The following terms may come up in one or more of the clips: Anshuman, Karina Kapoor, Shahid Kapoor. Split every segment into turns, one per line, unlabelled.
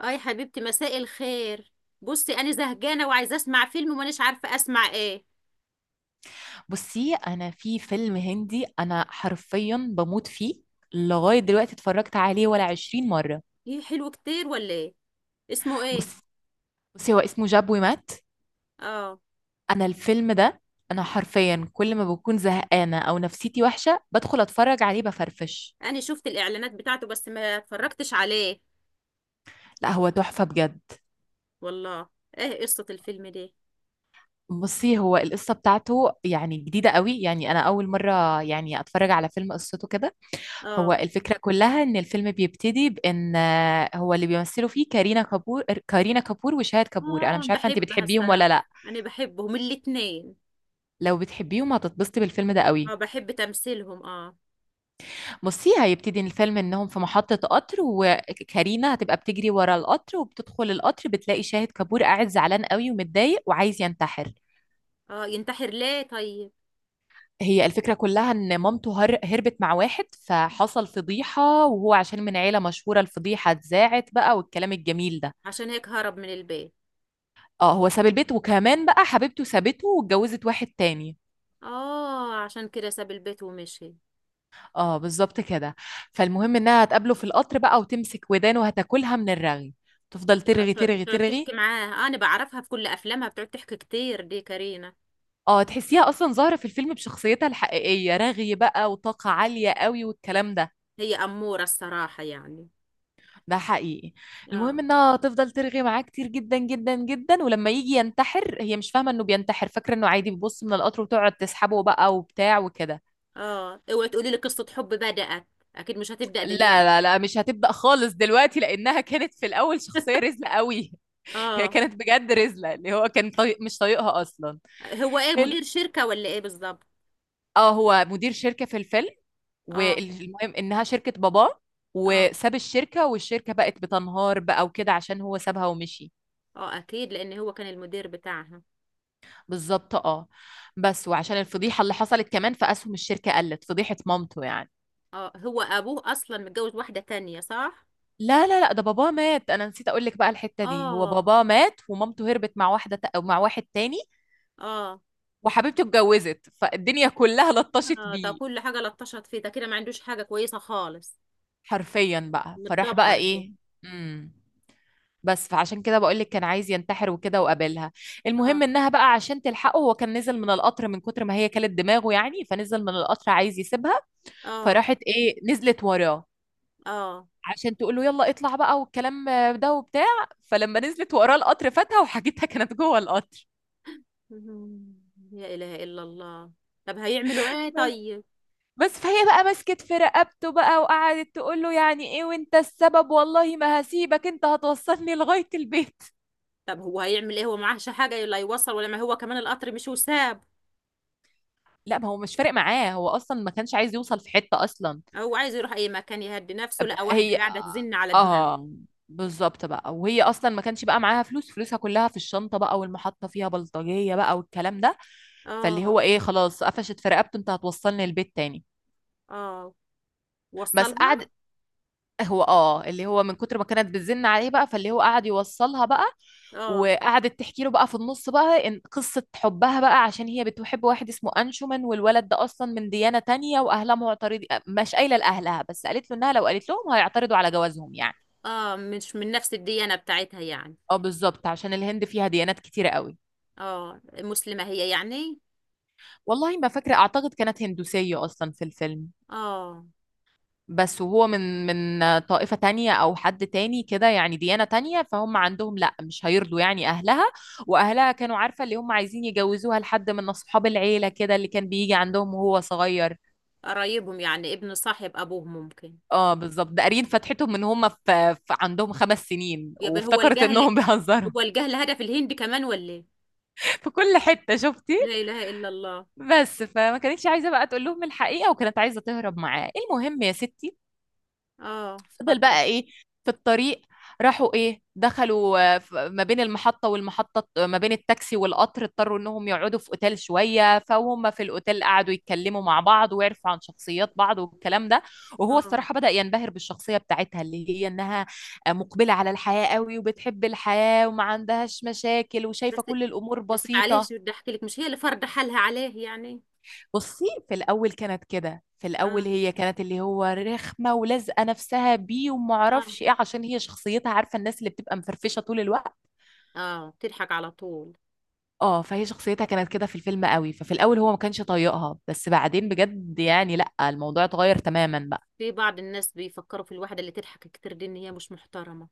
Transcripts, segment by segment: اه يا حبيبتي، مساء الخير. بصي، انا زهقانه وعايزه اسمع فيلم ومانيش عارفه اسمع ايه.
بصي انا في فيلم هندي، حرفيا بموت فيه. لغايه دلوقتي اتفرجت عليه ولا 20 مره.
ايه، حلو كتير ولا ايه؟ اسمه ايه؟
بص بصي هو اسمه جاب ومات.
اه.
الفيلم ده حرفيا كل ما بكون زهقانه او نفسيتي وحشه بدخل اتفرج عليه بفرفش.
انا شفت الاعلانات بتاعته بس ما اتفرجتش عليه.
لا هو تحفه بجد.
والله؟ ايه قصه الفيلم ده؟
بصي هو القصه بتاعته يعني جديده قوي، يعني انا اول مره يعني اتفرج على فيلم قصته كده. هو
اه.
الفكرة كلها إن الفيلم بيبتدي بإن هو اللي بيمثلوا فيه كارينا كابور، كارينا كابور، وشاهد كابور. أنا
اه،
مش عارفة أنت
بحبها
بتحبيهم ولا
الصراحه.
لأ.
انا بحبهم الاتنين.
لو بتحبيهم هتتبسطي بالفيلم ده
اه،
قوي.
بحب تمثيلهم اه.
بصي هيبتدي الفيلم إنهم في محطة قطر، وكارينا هتبقى بتجري ورا القطر وبتدخل القطر بتلاقي شاهد كابور قاعد زعلان قوي ومتضايق وعايز ينتحر.
اه، ينتحر ليه طيب؟
هي الفكرة كلها إن مامته هربت مع واحد، فحصل فضيحة، وهو عشان من عيلة مشهورة الفضيحة اتذاعت بقى والكلام الجميل ده.
عشان هيك هرب من البيت؟
اه هو ساب البيت، وكمان بقى حبيبته سابته واتجوزت واحد تاني.
اه، عشان كده ساب البيت ومشي.
اه بالظبط كده. فالمهم انها هتقابله في القطر بقى وتمسك ودانه وهتاكلها من الرغي. تفضل ترغي ترغي
تقعد تحكي
ترغي.
معاها، انا بعرفها في كل افلامها بتقعد تحكي كتير دي كارينا.
اه تحسيها اصلا ظاهرة في الفيلم بشخصيتها الحقيقية، رغي بقى وطاقة عالية قوي والكلام ده.
هي اموره الصراحه يعني.
ده حقيقي. المهم
اه.
انها تفضل ترغي معاه كتير جدا جدا جدا، ولما يجي ينتحر هي مش فاهمة انه بينتحر، فاكرة انه عادي بيبص من القطر، وتقعد تسحبه بقى وبتاع وكده.
اه، اوعي تقولي لي قصه حب بدات. اكيد مش هتبدا
لا
دلوقتي.
لا لا مش هتبدأ خالص دلوقتي، لأنها كانت في الأول شخصية رزلة قوي. هي
اه،
كانت بجد رزلة، اللي هو كان مش طايقها أصلا.
هو ايه،
ال...
مدير شركه ولا ايه بالظبط؟
اه هو مدير شركة في الفيلم.
اه،
والمهم إنها شركة باباه،
اه،
وساب الشركة والشركة بقت بتنهار بقى وكده عشان هو سابها ومشي.
اه، اكيد لان هو كان المدير بتاعها.
بالظبط اه. بس وعشان الفضيحة اللي حصلت كمان فأسهم الشركة قلت، فضيحة مامته يعني.
اه، هو ابوه اصلا متجوز واحده تانية، صح؟
لا لا لا ده باباه مات، انا نسيت اقول لك بقى الحتة دي. هو
اه،
باباه مات ومامته هربت مع واحدة ت- أو مع واحد تاني.
اه،
وحبيبته اتجوزت، فالدنيا كلها لطشت
اه، ده
بيه.
كل حاجه لطشت فيه، ده كده ما عندوش حاجه كويسه خالص.
حرفيا بقى فراح بقى
متدمر دي.
ايه. امم بس فعشان كده بقول لك كان عايز ينتحر وكده وقابلها.
اه،
المهم انها بقى عشان تلحقه، هو كان نزل من القطر من كتر ما هي كلت دماغه يعني، فنزل من القطر عايز يسيبها.
اه،
فراحت ايه نزلت وراه
اه،
عشان تقول له يلا اطلع بقى والكلام ده وبتاع. فلما نزلت وراه القطر فاتها، وحاجتها كانت جوه القطر.
مهم. لا إله إلا الله. طب هيعملوا إيه
بس
طيب؟
بس فهي بقى مسكت في رقبته بقى وقعدت تقول له يعني ايه، وانت السبب، والله ما هسيبك، انت هتوصلني لغاية البيت.
طب هو هيعمل إيه، هو معهش حاجة، لا يوصل ولا ما هو كمان القطر مش وساب.
لا ما هو مش فارق معاه، هو اصلا ما كانش عايز يوصل في حتة اصلا.
هو عايز يروح أي مكان يهدي نفسه، لقى واحدة
هي
قاعدة تزن على دماغه.
اه بالظبط بقى. وهي اصلا ما كانش بقى معاها فلوس، فلوسها كلها في الشنطة بقى، والمحطة فيها بلطجية بقى والكلام ده. فاللي هو
آه.
ايه خلاص قفشت في رقبته، انت هتوصلني البيت تاني.
آه،
بس
وصلها.
قعدت. هو اه اللي هو من كتر ما كانت بتزن عليه بقى فاللي هو قعد يوصلها بقى.
آه.
وقعدت تحكي له بقى في النص بقى ان قصة حبها بقى، عشان هي بتحب واحد اسمه انشومان، والولد ده اصلا من ديانة تانية واهلها معترضين، مش قايلة لاهلها، بس قالت له انها لو قالت لهم هيعترضوا على جوازهم يعني.
آه، مش من نفس الديانة بتاعتها يعني.
اه بالظبط، عشان الهند فيها ديانات كتيرة قوي.
آه، مسلمة هي يعني؟
والله ما فاكرة، اعتقد كانت هندوسية اصلا في الفيلم.
آه.
بس وهو من طائفة تانية أو حد تاني كده يعني، ديانة تانية، فهم عندهم لأ مش هيرضوا يعني أهلها. وأهلها كانوا عارفة اللي هم عايزين يجوزوها لحد من أصحاب العيلة كده اللي كان بيجي عندهم وهو صغير.
قرايبهم يعني، ابن صاحب أبوهم ممكن.
اه بالظبط، ده قارين فتحتهم من هم في عندهم 5 سنين،
يبقى هو
وافتكرت انهم
الجهل.
بيهزروا.
هو الجهل هدف الهند كمان ولا إيه؟
في كل حتة شفتي.
لا إله إلا الله.
بس فما كانتش عايزة بقى تقول لهم الحقيقة، وكانت عايزة تهرب معاه. المهم يا ستي
آه،
فضل
اتفضل.
بقى ايه في الطريق. راحوا ايه دخلوا ما بين المحطة والمحطة، ما بين التاكسي والقطر، اضطروا انهم يقعدوا في اوتيل شوية. فهم في الاوتيل قعدوا يتكلموا مع بعض ويعرفوا عن شخصيات بعض والكلام ده. وهو
اه.
الصراحة بدأ ينبهر بالشخصية بتاعتها، اللي هي انها مقبلة على الحياة قوي وبتحب الحياة وما عندهاش مشاكل وشايفة
بس،
كل الامور
بس
بسيطة.
معلش بدي احكي لك، مش هي اللي فرض حالها عليه يعني؟
بصي في الأول كانت كده، في الأول
اه،
هي كانت اللي هو رخمة ولازقة نفسها بيه
اه،
ومعرفش ايه، عشان هي شخصيتها، عارفة الناس اللي بتبقى مفرفشة طول الوقت.
اه، بتضحك على طول.
اه فهي شخصيتها كانت كده في الفيلم قوي، ففي الأول هو ما كانش طايقها، بس بعدين بجد يعني لأ الموضوع اتغير تماما بقى.
في بعض الناس بيفكروا في الواحدة اللي تضحك كتير دي ان هي مش محترمة.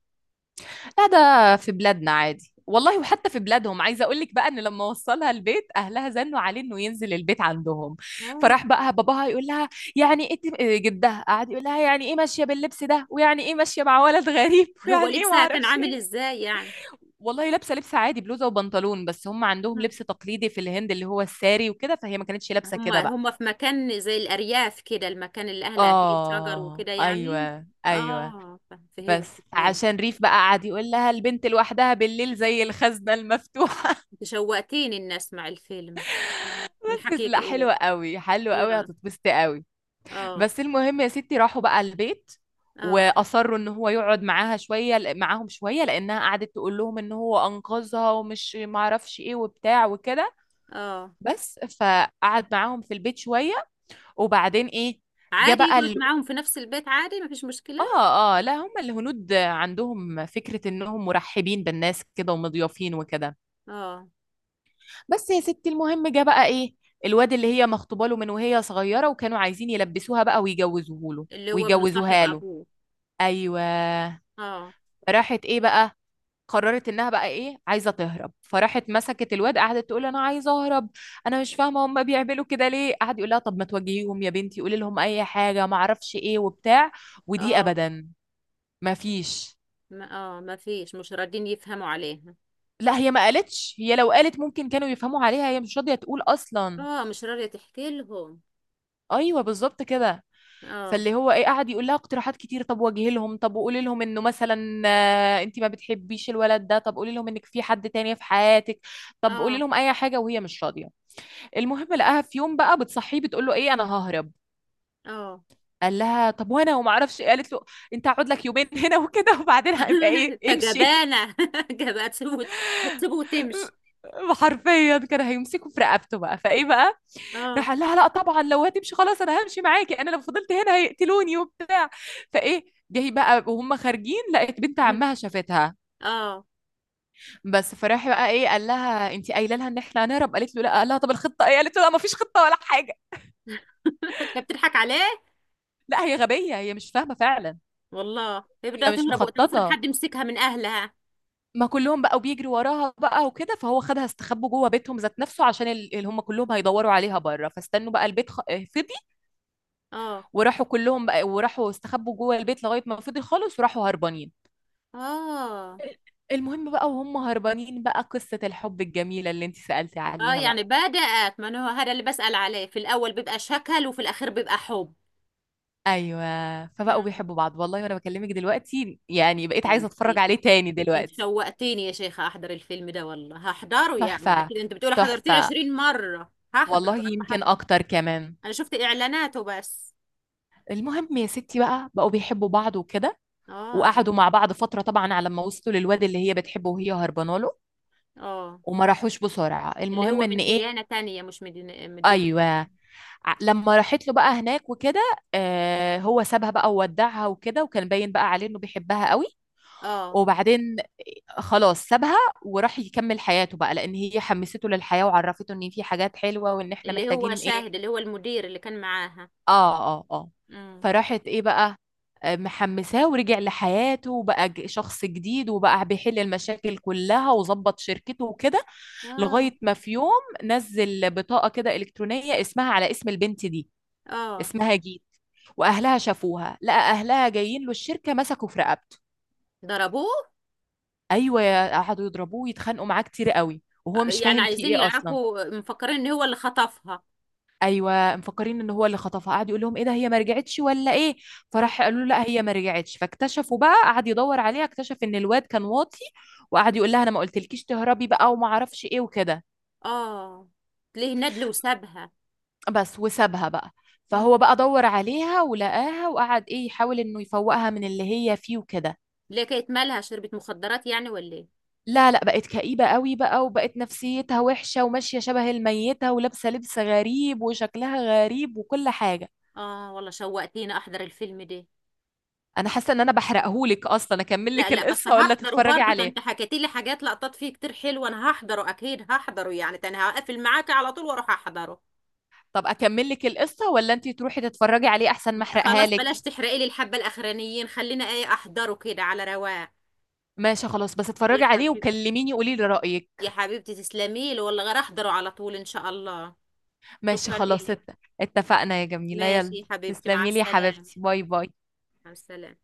لا ده في بلادنا عادي والله، وحتى في بلادهم. عايزه اقول لك بقى ان لما وصلها البيت اهلها زنوا عليه انه ينزل البيت عندهم.
اه،
فراح بقى باباها يقول لها يعني ايه إيه، جدها قعد يقول لها يعني ايه ماشيه باللبس ده، ويعني ايه ماشيه مع ولد غريب،
هو
ويعني ايه ما
لبسها كان
اعرفش
عامل
ايه.
ازاي يعني؟
والله لابسه لبس عادي، بلوزه وبنطلون، بس هم عندهم لبس تقليدي في الهند اللي هو الساري وكده، فهي ما كانتش لابسه
هم
كده بقى.
هم في مكان زي الأرياف كده، المكان اللي أهلها فيه شجر
اه
وكده يعني.
ايوه ايوه.
اه، فهمت
بس
فهمت.
عشان ريف بقى قعد يقول لها البنت لوحدها بالليل زي الخزنه المفتوحه.
انت شوقتيني إني أسمع الفيلم من
بس
حكيك
لا
إله.
حلوة قوي، حلوة قوي،
الله.
هتتبسطي قوي.
اه،
بس المهم يا ستي راحوا بقى البيت.
اه،
واصروا ان هو يقعد معاها شويه، معاهم شويه، لانها قعدت تقول لهم ان هو انقذها ومش معرفش ايه وبتاع وكده.
اه،
بس فقعد معاهم في البيت شويه. وبعدين ايه جه
عادي
بقى
يقعد معاهم في نفس البيت، عادي مفيش مشكلة.
اه اه لا هم الهنود عندهم فكره انهم مرحبين بالناس كده ومضيافين وكده.
اه،
بس يا ستي المهم جه بقى ايه الواد اللي هي مخطوبه له من وهي صغيره، وكانوا عايزين يلبسوها بقى ويجوزوه له،
اللي هو ابن صاحب
ويجوزوها له.
ابوه.
ايوه.
اه.
راحت ايه بقى، قررت انها بقى ايه عايزه تهرب، فراحت مسكت الواد قعدت تقول انا عايزه اهرب. انا مش فاهمه هم بيعملوا كده ليه، قعد يقول لها طب ما تواجهيهم يا بنتي، قولي لهم اي حاجه ما اعرفش ايه وبتاع. ودي
اه،
ابدا ما فيش.
ما اه، مفيش، مش راضين يفهموا عليها.
لا هي ما قالتش، هي لو قالت ممكن كانوا يفهموا عليها، هي مش راضيه تقول اصلا.
اه، مش راضية تحكي لهم.
ايوه بالظبط كده.
اه،
فاللي هو ايه قعد يقول لها اقتراحات كتير، طب واجهي لهم، طب وقولي لهم انه مثلا انت ما بتحبيش الولد ده، طب قولي لهم انك في حد تاني في حياتك، طب قولي
اه،
لهم اي حاجه، وهي مش راضيه. المهم لقاها في يوم بقى بتصحيه بتقول له ايه انا ههرب.
اه،
قال لها طب وانا وما اعرفش إيه؟ قالت له انت هقعد لك 2 يومين هنا وكده وبعدين هيبقى
انت
ايه امشي.
جبانة. جبانة هتسيبه هتسيبه وتمشي.
حرفيا كان هيمسكه في رقبته بقى فايه بقى.
اه،
راح قال لها لا طبعا لو هتمشي خلاص انا همشي معاكي، انا لو فضلت هنا هيقتلوني وبتاع. فايه جاي بقى وهم خارجين لقت بنت عمها شافتها.
اه،
بس فراح بقى ايه قال لها انت قايله لها ان احنا هنهرب، قالت له لا، قال لها طب الخطه ايه، قالت له لا ما فيش خطه ولا حاجه.
انت بتضحك عليه.
لا هي غبيه، هي مش فاهمه فعلا،
والله يبدأ
هي مش
تهرب، طب افرض
مخططه.
حد مسكها من اهلها؟
ما كلهم بقوا بيجروا وراها بقى وكده، فهو خدها استخبوا جوه بيتهم ذات نفسه عشان اللي هم كلهم هيدوروا عليها بره، فاستنوا بقى البيت فضي،
اه،
وراحوا كلهم بقى، وراحوا استخبوا جوه البيت لغايه ما فضي خالص، وراحوا هربانين.
اه،
المهم بقى وهم هربانين بقى قصة الحب الجميلة اللي انت سألتي
اه،
عليها
يعني
بقى.
بدأت، ما أنا هو هذا اللي بسأل عليه، في الاول بيبقى شكل وفي الاخير بيبقى حب.
ايوه فبقوا
مم.
بيحبوا بعض والله، وانا بكلمك دلوقتي يعني بقيت
ده
عايزة
انت،
اتفرج عليه تاني
انت
دلوقتي.
شوقتيني يا شيخة احضر الفيلم ده، والله هحضره يعني.
تحفة
اكيد انت بتقولي حضرتيه
تحفة،
20 مرة، هحضر
والله
انا
يمكن اكتر كمان.
انا شفت اعلاناته بس.
المهم يا ستي بقى بقوا بيحبوا بعض وكده،
اه،
وقعدوا مع بعض فترة طبعا على ما وصلوا للواد اللي هي بتحبه وهي هربانه له،
اه،
وما راحوش بسرعة.
اللي
المهم
هو
ان
من
ايه
ديانة تانية مش من من
ايوه، لما راحت له بقى هناك وكده آه هو سابها بقى وودعها وكده، وكان باين بقى عليه انه بيحبها قوي.
اه،
وبعدين خلاص سابها وراح يكمل حياته بقى، لان هي حمسته للحياة وعرفته ان في حاجات حلوة وان احنا
اللي هو
محتاجين ايه.
شاهد، اللي هو المدير اللي كان معاها.
اه اه اه.
امم.
فراحت ايه بقى محمساه، ورجع لحياته وبقى شخص جديد، وبقى بيحل المشاكل كلها وظبط شركته وكده.
اه،
لغاية ما في يوم نزل بطاقة كده إلكترونية اسمها على اسم البنت دي،
اه،
اسمها جيت. وأهلها شافوها، لقى أهلها جايين له الشركة مسكوا في رقبته.
ضربوه.
ايوه قعدوا يضربوه يتخانقوا معاه كتير قوي وهو مش
يعني
فاهم في
عايزين
ايه اصلا.
يعرفوا، مفكرين ان هو اللي خطفها.
ايوه مفكرين ان هو اللي خطفها، قعد يقول لهم ايه ده هي ما رجعتش ولا ايه.
اه،
فراح قالوا له لا هي ما رجعتش، فاكتشفوا بقى، قعد يدور عليها، اكتشف ان الواد كان واطي وقعد يقول لها انا ما قلتلكيش تهربي بقى وما اعرفش ايه وكده.
اه، ليه ندل وسابها.
بس وسابها بقى. فهو
مم.
بقى دور عليها ولقاها وقعد ايه يحاول انه يفوقها من اللي هي فيه وكده.
ليه، كانت مالها، شربت مخدرات يعني ولا ايه؟
لا لا بقت كئيبة قوي بقى، وبقت نفسيتها وحشة وماشية شبه الميتة ولابسة لبس غريب وشكلها غريب وكل حاجة.
اه والله شوقتيني احضر الفيلم ده.
أنا حاسة إن أنا بحرقهولك أصلا، أكمل
لا
لك
لا، بس
القصة ولا
هحضره
تتفرجي
برضه. ده
عليه؟
انت حكيتي لي حاجات لقطات فيه كتير حلوه، انا هحضره اكيد، هحضره يعني. ده انا هقفل معاكي على طول واروح احضره.
طب أكمل لك القصة ولا أنتي تروحي تتفرجي عليه أحسن ما
لا
أحرقها
خلاص،
لك؟
بلاش تحرقي لي الحبه الاخرانيين، خلينا ايه احضره كده على رواق.
ماشي خلاص بس
يا
اتفرجي عليه
حبيبتي،
وكلميني قولي لي رأيك.
يا حبيبتي، تسلمي لي والله، غير احضره على طول ان شاء الله.
ماشي
شكرا
خلاص
إلك.
اتفقنا يا جميلة،
ماشي
يلا
يا حبيبتي، مع
تسلمي لي يا
السلامه.
حبيبتي، باي باي.
مع السلامه.